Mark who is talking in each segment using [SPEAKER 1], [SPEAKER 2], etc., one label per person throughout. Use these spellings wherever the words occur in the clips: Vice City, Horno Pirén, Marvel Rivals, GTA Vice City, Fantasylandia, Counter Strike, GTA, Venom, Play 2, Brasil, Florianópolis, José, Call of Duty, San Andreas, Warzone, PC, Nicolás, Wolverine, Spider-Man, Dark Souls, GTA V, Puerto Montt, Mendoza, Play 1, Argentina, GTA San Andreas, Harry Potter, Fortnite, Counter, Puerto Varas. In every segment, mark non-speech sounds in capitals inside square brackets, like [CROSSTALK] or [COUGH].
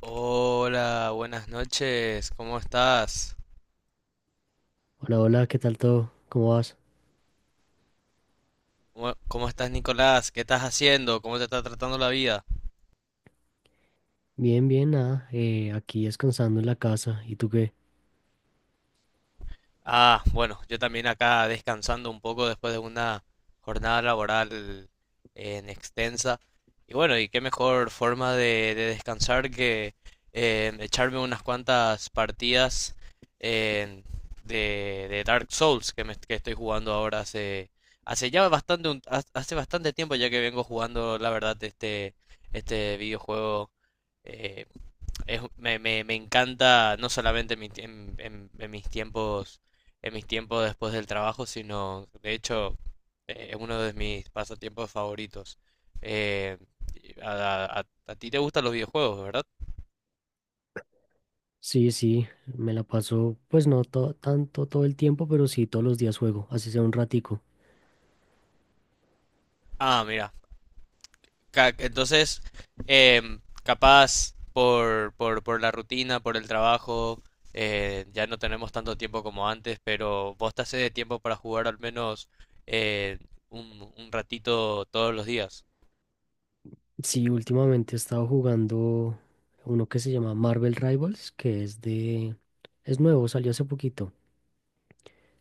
[SPEAKER 1] Hola, buenas noches. ¿Cómo estás?
[SPEAKER 2] Hola, hola, ¿qué tal todo? ¿Cómo vas?
[SPEAKER 1] ¿Cómo estás, Nicolás? ¿Qué estás haciendo? ¿Cómo te está tratando la vida?
[SPEAKER 2] Bien, bien, nada, aquí descansando en la casa. ¿Y tú qué?
[SPEAKER 1] Ah, bueno, yo también acá descansando un poco después de una jornada laboral en extensa. Y bueno, y qué mejor forma de descansar que echarme unas cuantas partidas eh, de Dark Souls que estoy jugando ahora hace ya bastante, hace bastante tiempo ya que vengo jugando, la verdad, este videojuego. eh, me encanta no solamente en mis tiempos, en mis tiempos después del trabajo, sino de hecho es uno de mis pasatiempos favoritos. Eh, a ti te gustan los videojuegos, ¿verdad?
[SPEAKER 2] Sí, sí, me la paso, pues no to- tanto todo el tiempo, pero sí todos los días juego, así sea un ratico.
[SPEAKER 1] Ah, mira. Entonces, capaz por la rutina, por el trabajo, ya no tenemos tanto tiempo como antes, pero vos te haces de tiempo para jugar al menos eh, un ratito todos los días.
[SPEAKER 2] Sí, últimamente he estado jugando uno que se llama Marvel Rivals, que es de… es nuevo, salió hace poquito,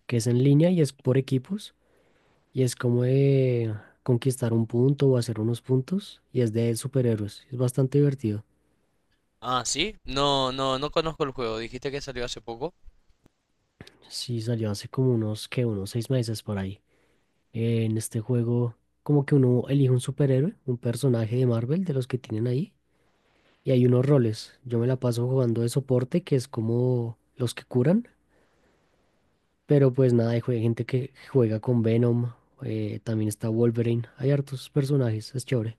[SPEAKER 2] que es en línea y es por equipos, y es como de conquistar un punto o hacer unos puntos, y es de superhéroes, es bastante divertido.
[SPEAKER 1] Ah, sí. No conozco el juego. Dijiste que salió hace poco.
[SPEAKER 2] Sí, salió hace como unos, ¿qué? Unos seis meses por ahí. En este juego, como que uno elige un superhéroe, un personaje de Marvel, de los que tienen ahí, y hay unos roles. Yo me la paso jugando de soporte, que es como los que curan, pero pues nada, hay gente que juega con Venom, también está Wolverine, hay hartos personajes, es chévere.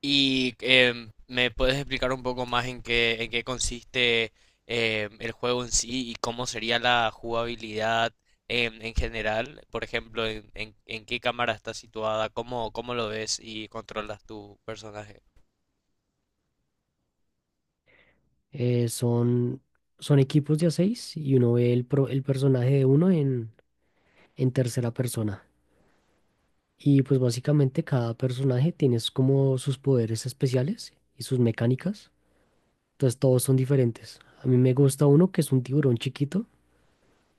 [SPEAKER 1] Y ¿me puedes explicar un poco más en qué consiste el juego en sí y cómo sería la jugabilidad en general? Por ejemplo, en qué cámara está situada, cómo lo ves y controlas tu personaje.
[SPEAKER 2] Eh, son, Son equipos de a seis y uno ve el personaje de uno en tercera persona. Y pues básicamente cada personaje tiene es como sus poderes especiales y sus mecánicas. Entonces todos son diferentes. A mí me gusta uno que es un tiburón chiquito,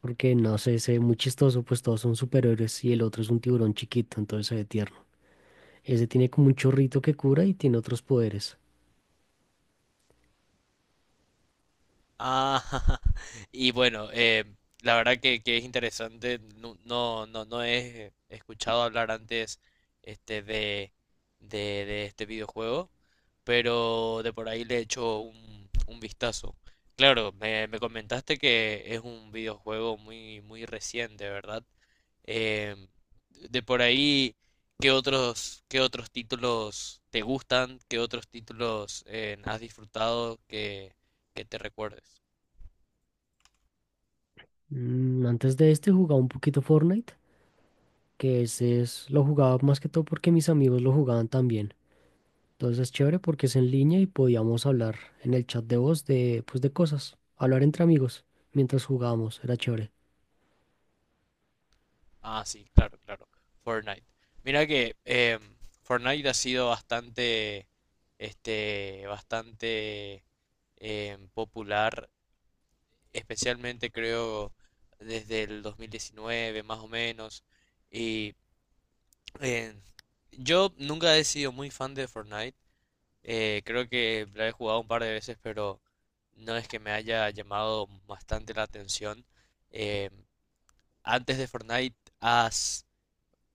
[SPEAKER 2] porque no sé, se ve muy chistoso, pues todos son superhéroes y el otro es un tiburón chiquito, entonces se ve tierno. Ese tiene como un chorrito que cura y tiene otros poderes.
[SPEAKER 1] Ah, [LAUGHS] y bueno, la verdad que es interesante. No he escuchado hablar antes este, de, de, de este videojuego, pero de por ahí le he hecho un vistazo. Claro, me comentaste que es un videojuego muy, muy reciente, ¿verdad? Em, de por ahí, ¿qué otros títulos te gustan? ¿Qué otros títulos has disfrutado que te recuerdes?
[SPEAKER 2] Mm, antes de este jugaba un poquito Fortnite, que ese es, lo jugaba más que todo porque mis amigos lo jugaban también. Entonces, chévere porque es en línea y podíamos hablar en el chat de voz de, pues, de cosas, hablar entre amigos mientras jugábamos, era chévere.
[SPEAKER 1] Ah, sí, claro, claro. Fortnite. Mira que Fortnite ha sido bastante, bastante popular, especialmente creo desde el 2019 más o menos. Y eh, yo nunca he sido muy fan de Fortnite. Creo que la he jugado un par de veces, pero no es que me haya llamado bastante la atención. Eh, Antes de Fortnite, ¿has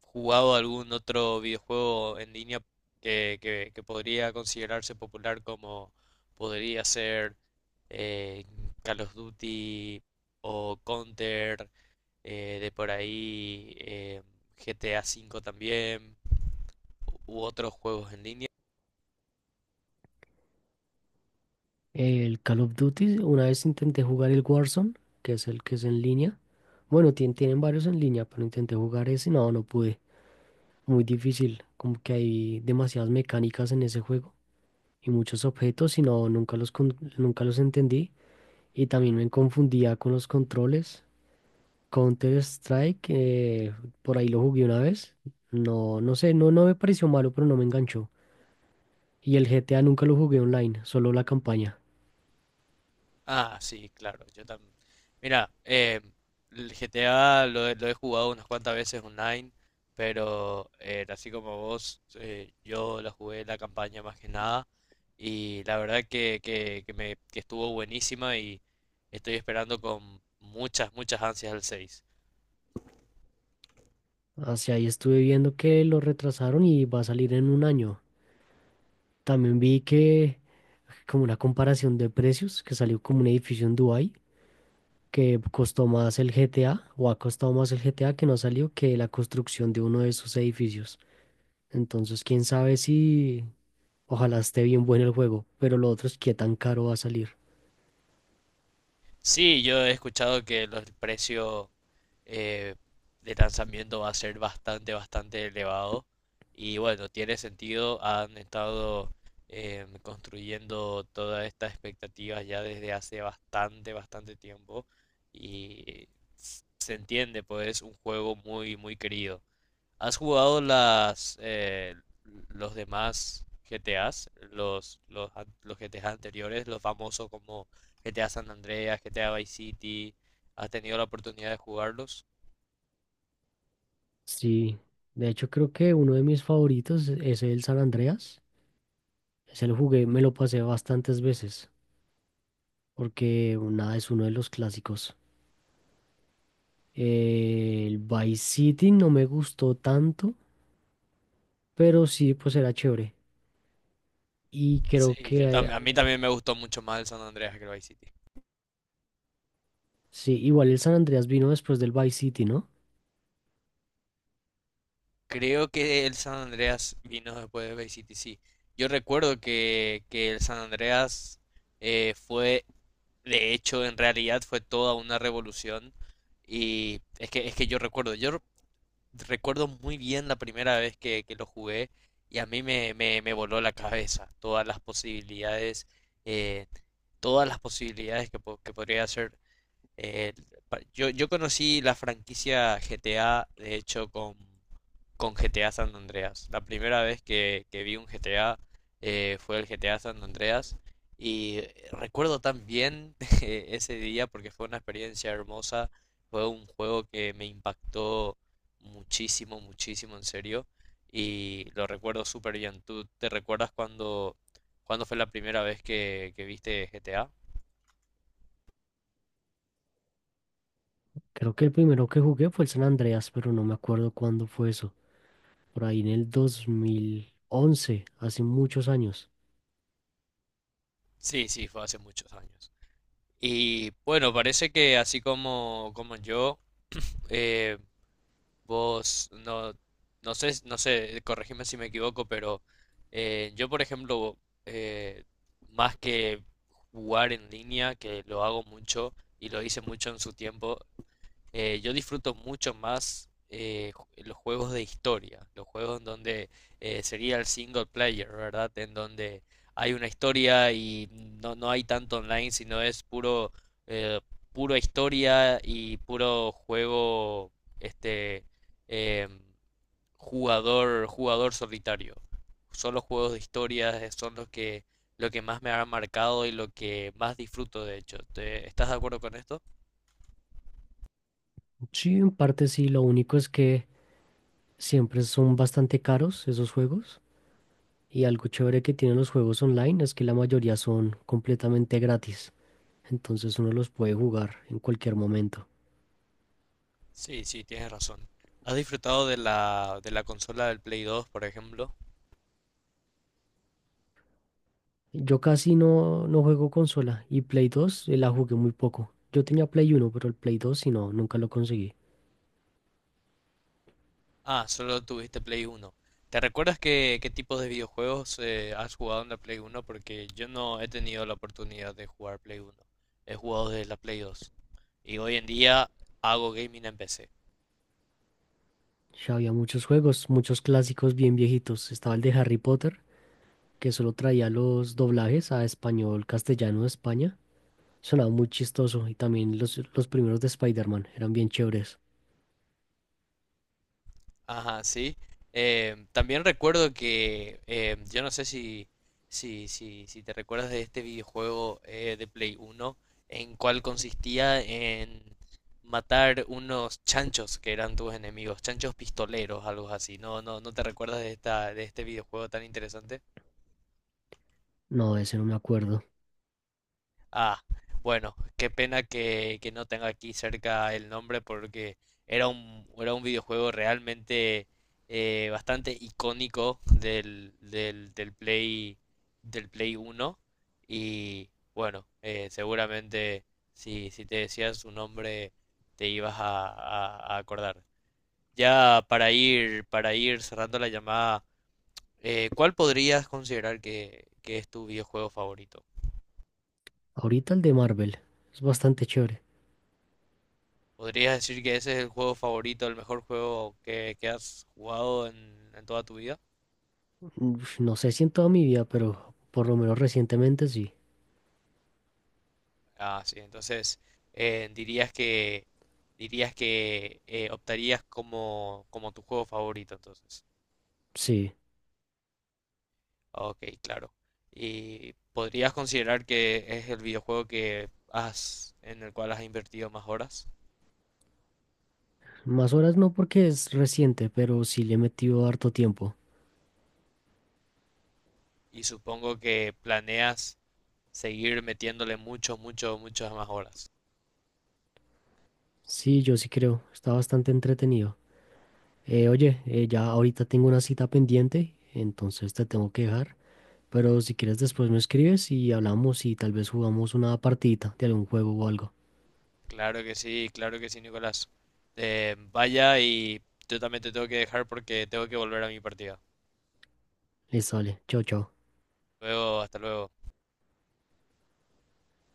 [SPEAKER 1] jugado algún otro videojuego en línea que podría considerarse popular, como podría ser eh, Call of Duty o Counter, de por ahí GTA V también u otros juegos en línea?
[SPEAKER 2] El Call of Duty, una vez intenté jugar el Warzone, que es el que es en línea. Bueno, tienen varios en línea, pero intenté jugar ese y no, no pude. Muy difícil, como que hay demasiadas mecánicas en ese juego y muchos objetos y no, nunca nunca los entendí. Y también me confundía con los controles. Counter Strike, por ahí lo jugué una vez. No, no sé, no, no me pareció malo, pero no me enganchó. Y el GTA nunca lo jugué online, solo la campaña.
[SPEAKER 1] Ah, sí, claro, yo también. Mira, el GTA lo he jugado unas cuantas veces online, pero así como vos, yo la jugué la campaña más que nada y la verdad que estuvo buenísima y estoy esperando con muchas, muchas ansias el seis.
[SPEAKER 2] Hacia ahí estuve viendo que lo retrasaron y va a salir en un año. También vi que como una comparación de precios, que salió como un edificio en Dubái, que costó más el GTA, o ha costado más el GTA que no salió que la construcción de uno de esos edificios. Entonces, quién sabe si ojalá esté bien bueno el juego, pero lo otro es qué tan caro va a salir.
[SPEAKER 1] Sí, yo he escuchado que los precios eh, de lanzamiento va a ser bastante, bastante elevado. Y bueno, tiene sentido, han estado construyendo todas estas expectativas ya desde hace bastante, bastante tiempo. Y se entiende, pues es un juego muy, muy querido. ¿Has jugado las los demás GTAs? Los GTAs anteriores, los famosos como GTA San Andreas, GTA Vice City. ¿Has tenido la oportunidad de jugarlos?
[SPEAKER 2] Sí, de hecho creo que uno de mis favoritos es el San Andreas. Ese lo jugué, me lo pasé bastantes veces, porque nada, es uno de los clásicos. El Vice City no me gustó tanto, pero sí, pues era chévere. Y creo
[SPEAKER 1] Sí, yo
[SPEAKER 2] que, eh,
[SPEAKER 1] también, a mí también me gustó mucho más el San Andreas que el Vice City.
[SPEAKER 2] sí, igual el San Andreas vino después del Vice City, ¿no?
[SPEAKER 1] Creo que el San Andreas vino después de Vice City, sí. Yo recuerdo que el San Andreas fue, de hecho, en realidad, fue toda una revolución. Y es que yo recuerdo muy bien la primera vez que lo jugué, y a mí me voló la cabeza eh, todas las posibilidades que podría hacer. Eh, yo, yo conocí la franquicia GTA, de hecho, con GTA San Andreas. La primera vez que vi un GTA, fue el GTA San Andreas. Y recuerdo tan bien [LAUGHS] ese día porque fue una experiencia hermosa. Fue un juego que me impactó muchísimo, muchísimo, en serio. Y lo recuerdo súper bien. ¿Tú te recuerdas cuando fue la primera vez que viste GTA?
[SPEAKER 2] Creo que el primero que jugué fue el San Andreas, pero no me acuerdo cuándo fue eso. Por ahí en el 2011, hace muchos años.
[SPEAKER 1] Sí, sí, fue hace muchos años. Y bueno, parece que así como yo, eh, vos, no sé, corregime si me equivoco, pero yo, por ejemplo, eh, más que jugar en línea, que lo hago mucho y lo hice mucho en su tiempo, yo disfruto mucho más los juegos de historia, los juegos en donde sería el single player, ¿verdad? En donde hay una historia y no, no hay tanto online, sino es puro, eh, pura historia y puro juego, este, em, jugador solitario. Solo juegos de historia son lo que más me ha marcado y lo que más disfruto, de hecho. Estás de acuerdo con esto?
[SPEAKER 2] Sí, en parte sí, lo único es que… siempre son bastante caros esos juegos y algo chévere que tienen los juegos online es que la mayoría son completamente gratis, entonces uno los puede jugar en cualquier momento.
[SPEAKER 1] Sí, sí, tienes razón. ¿Has disfrutado de la consola del Play 2, por ejemplo?
[SPEAKER 2] Yo casi no, no juego consola y Play 2 la jugué muy poco. Yo tenía Play 1 pero el Play 2 si no, nunca lo conseguí.
[SPEAKER 1] Ah, solo tuviste Play 1. ¿Te recuerdas qué tipos de videojuegos has jugado en la Play 1? Porque yo no he tenido la oportunidad de jugar Play 1. He jugado desde la Play 2. Y hoy en día hago gaming en PC.
[SPEAKER 2] Ya había muchos juegos, muchos clásicos bien viejitos. Estaba el de Harry Potter, que solo traía los doblajes a español, castellano de España. Sonaba muy chistoso y también los primeros de Spider-Man eran bien chéveres.
[SPEAKER 1] Ajá, sí. También recuerdo yo no sé si te recuerdas de este videojuego de Play 1, en cual consistía en matar unos chanchos que eran tus enemigos, chanchos pistoleros, algo así. No te recuerdas de este videojuego tan interesante.
[SPEAKER 2] No, ese no me acuerdo.
[SPEAKER 1] Ah, bueno, qué pena que no tenga aquí cerca el nombre, porque era un videojuego realmente bastante icónico del Play 1. Y bueno, seguramente si te decías su nombre te ibas a acordar. Ya para ir cerrando la llamada, ¿cuál podrías considerar que es tu videojuego favorito?
[SPEAKER 2] Ahorita el de Marvel. Es bastante chévere.
[SPEAKER 1] ¿Podrías decir que ese es el juego favorito, el mejor juego que has jugado en toda tu vida?
[SPEAKER 2] Uf, no sé si en toda mi vida, pero por lo menos recientemente sí.
[SPEAKER 1] Ah, sí, entonces eh, dirías que dirías que optarías como tu juego favorito, entonces.
[SPEAKER 2] Sí.
[SPEAKER 1] Ok, claro. ¿Y podrías considerar que es el videojuego en el cual has invertido más horas?
[SPEAKER 2] Más horas no porque es reciente, pero sí le he metido harto tiempo.
[SPEAKER 1] Y supongo que planeas seguir metiéndole mucho, mucho, muchas más horas.
[SPEAKER 2] Sí, yo sí creo. Está bastante entretenido. Ya ahorita tengo una cita pendiente, entonces te tengo que dejar. Pero si quieres después me escribes y hablamos y tal vez jugamos una partidita de algún juego o algo.
[SPEAKER 1] Claro que sí, Nicolás. Vaya, y yo también te tengo que dejar porque tengo que volver a mi partida.
[SPEAKER 2] Listo, vale. Chao, chao.
[SPEAKER 1] Luego, hasta luego.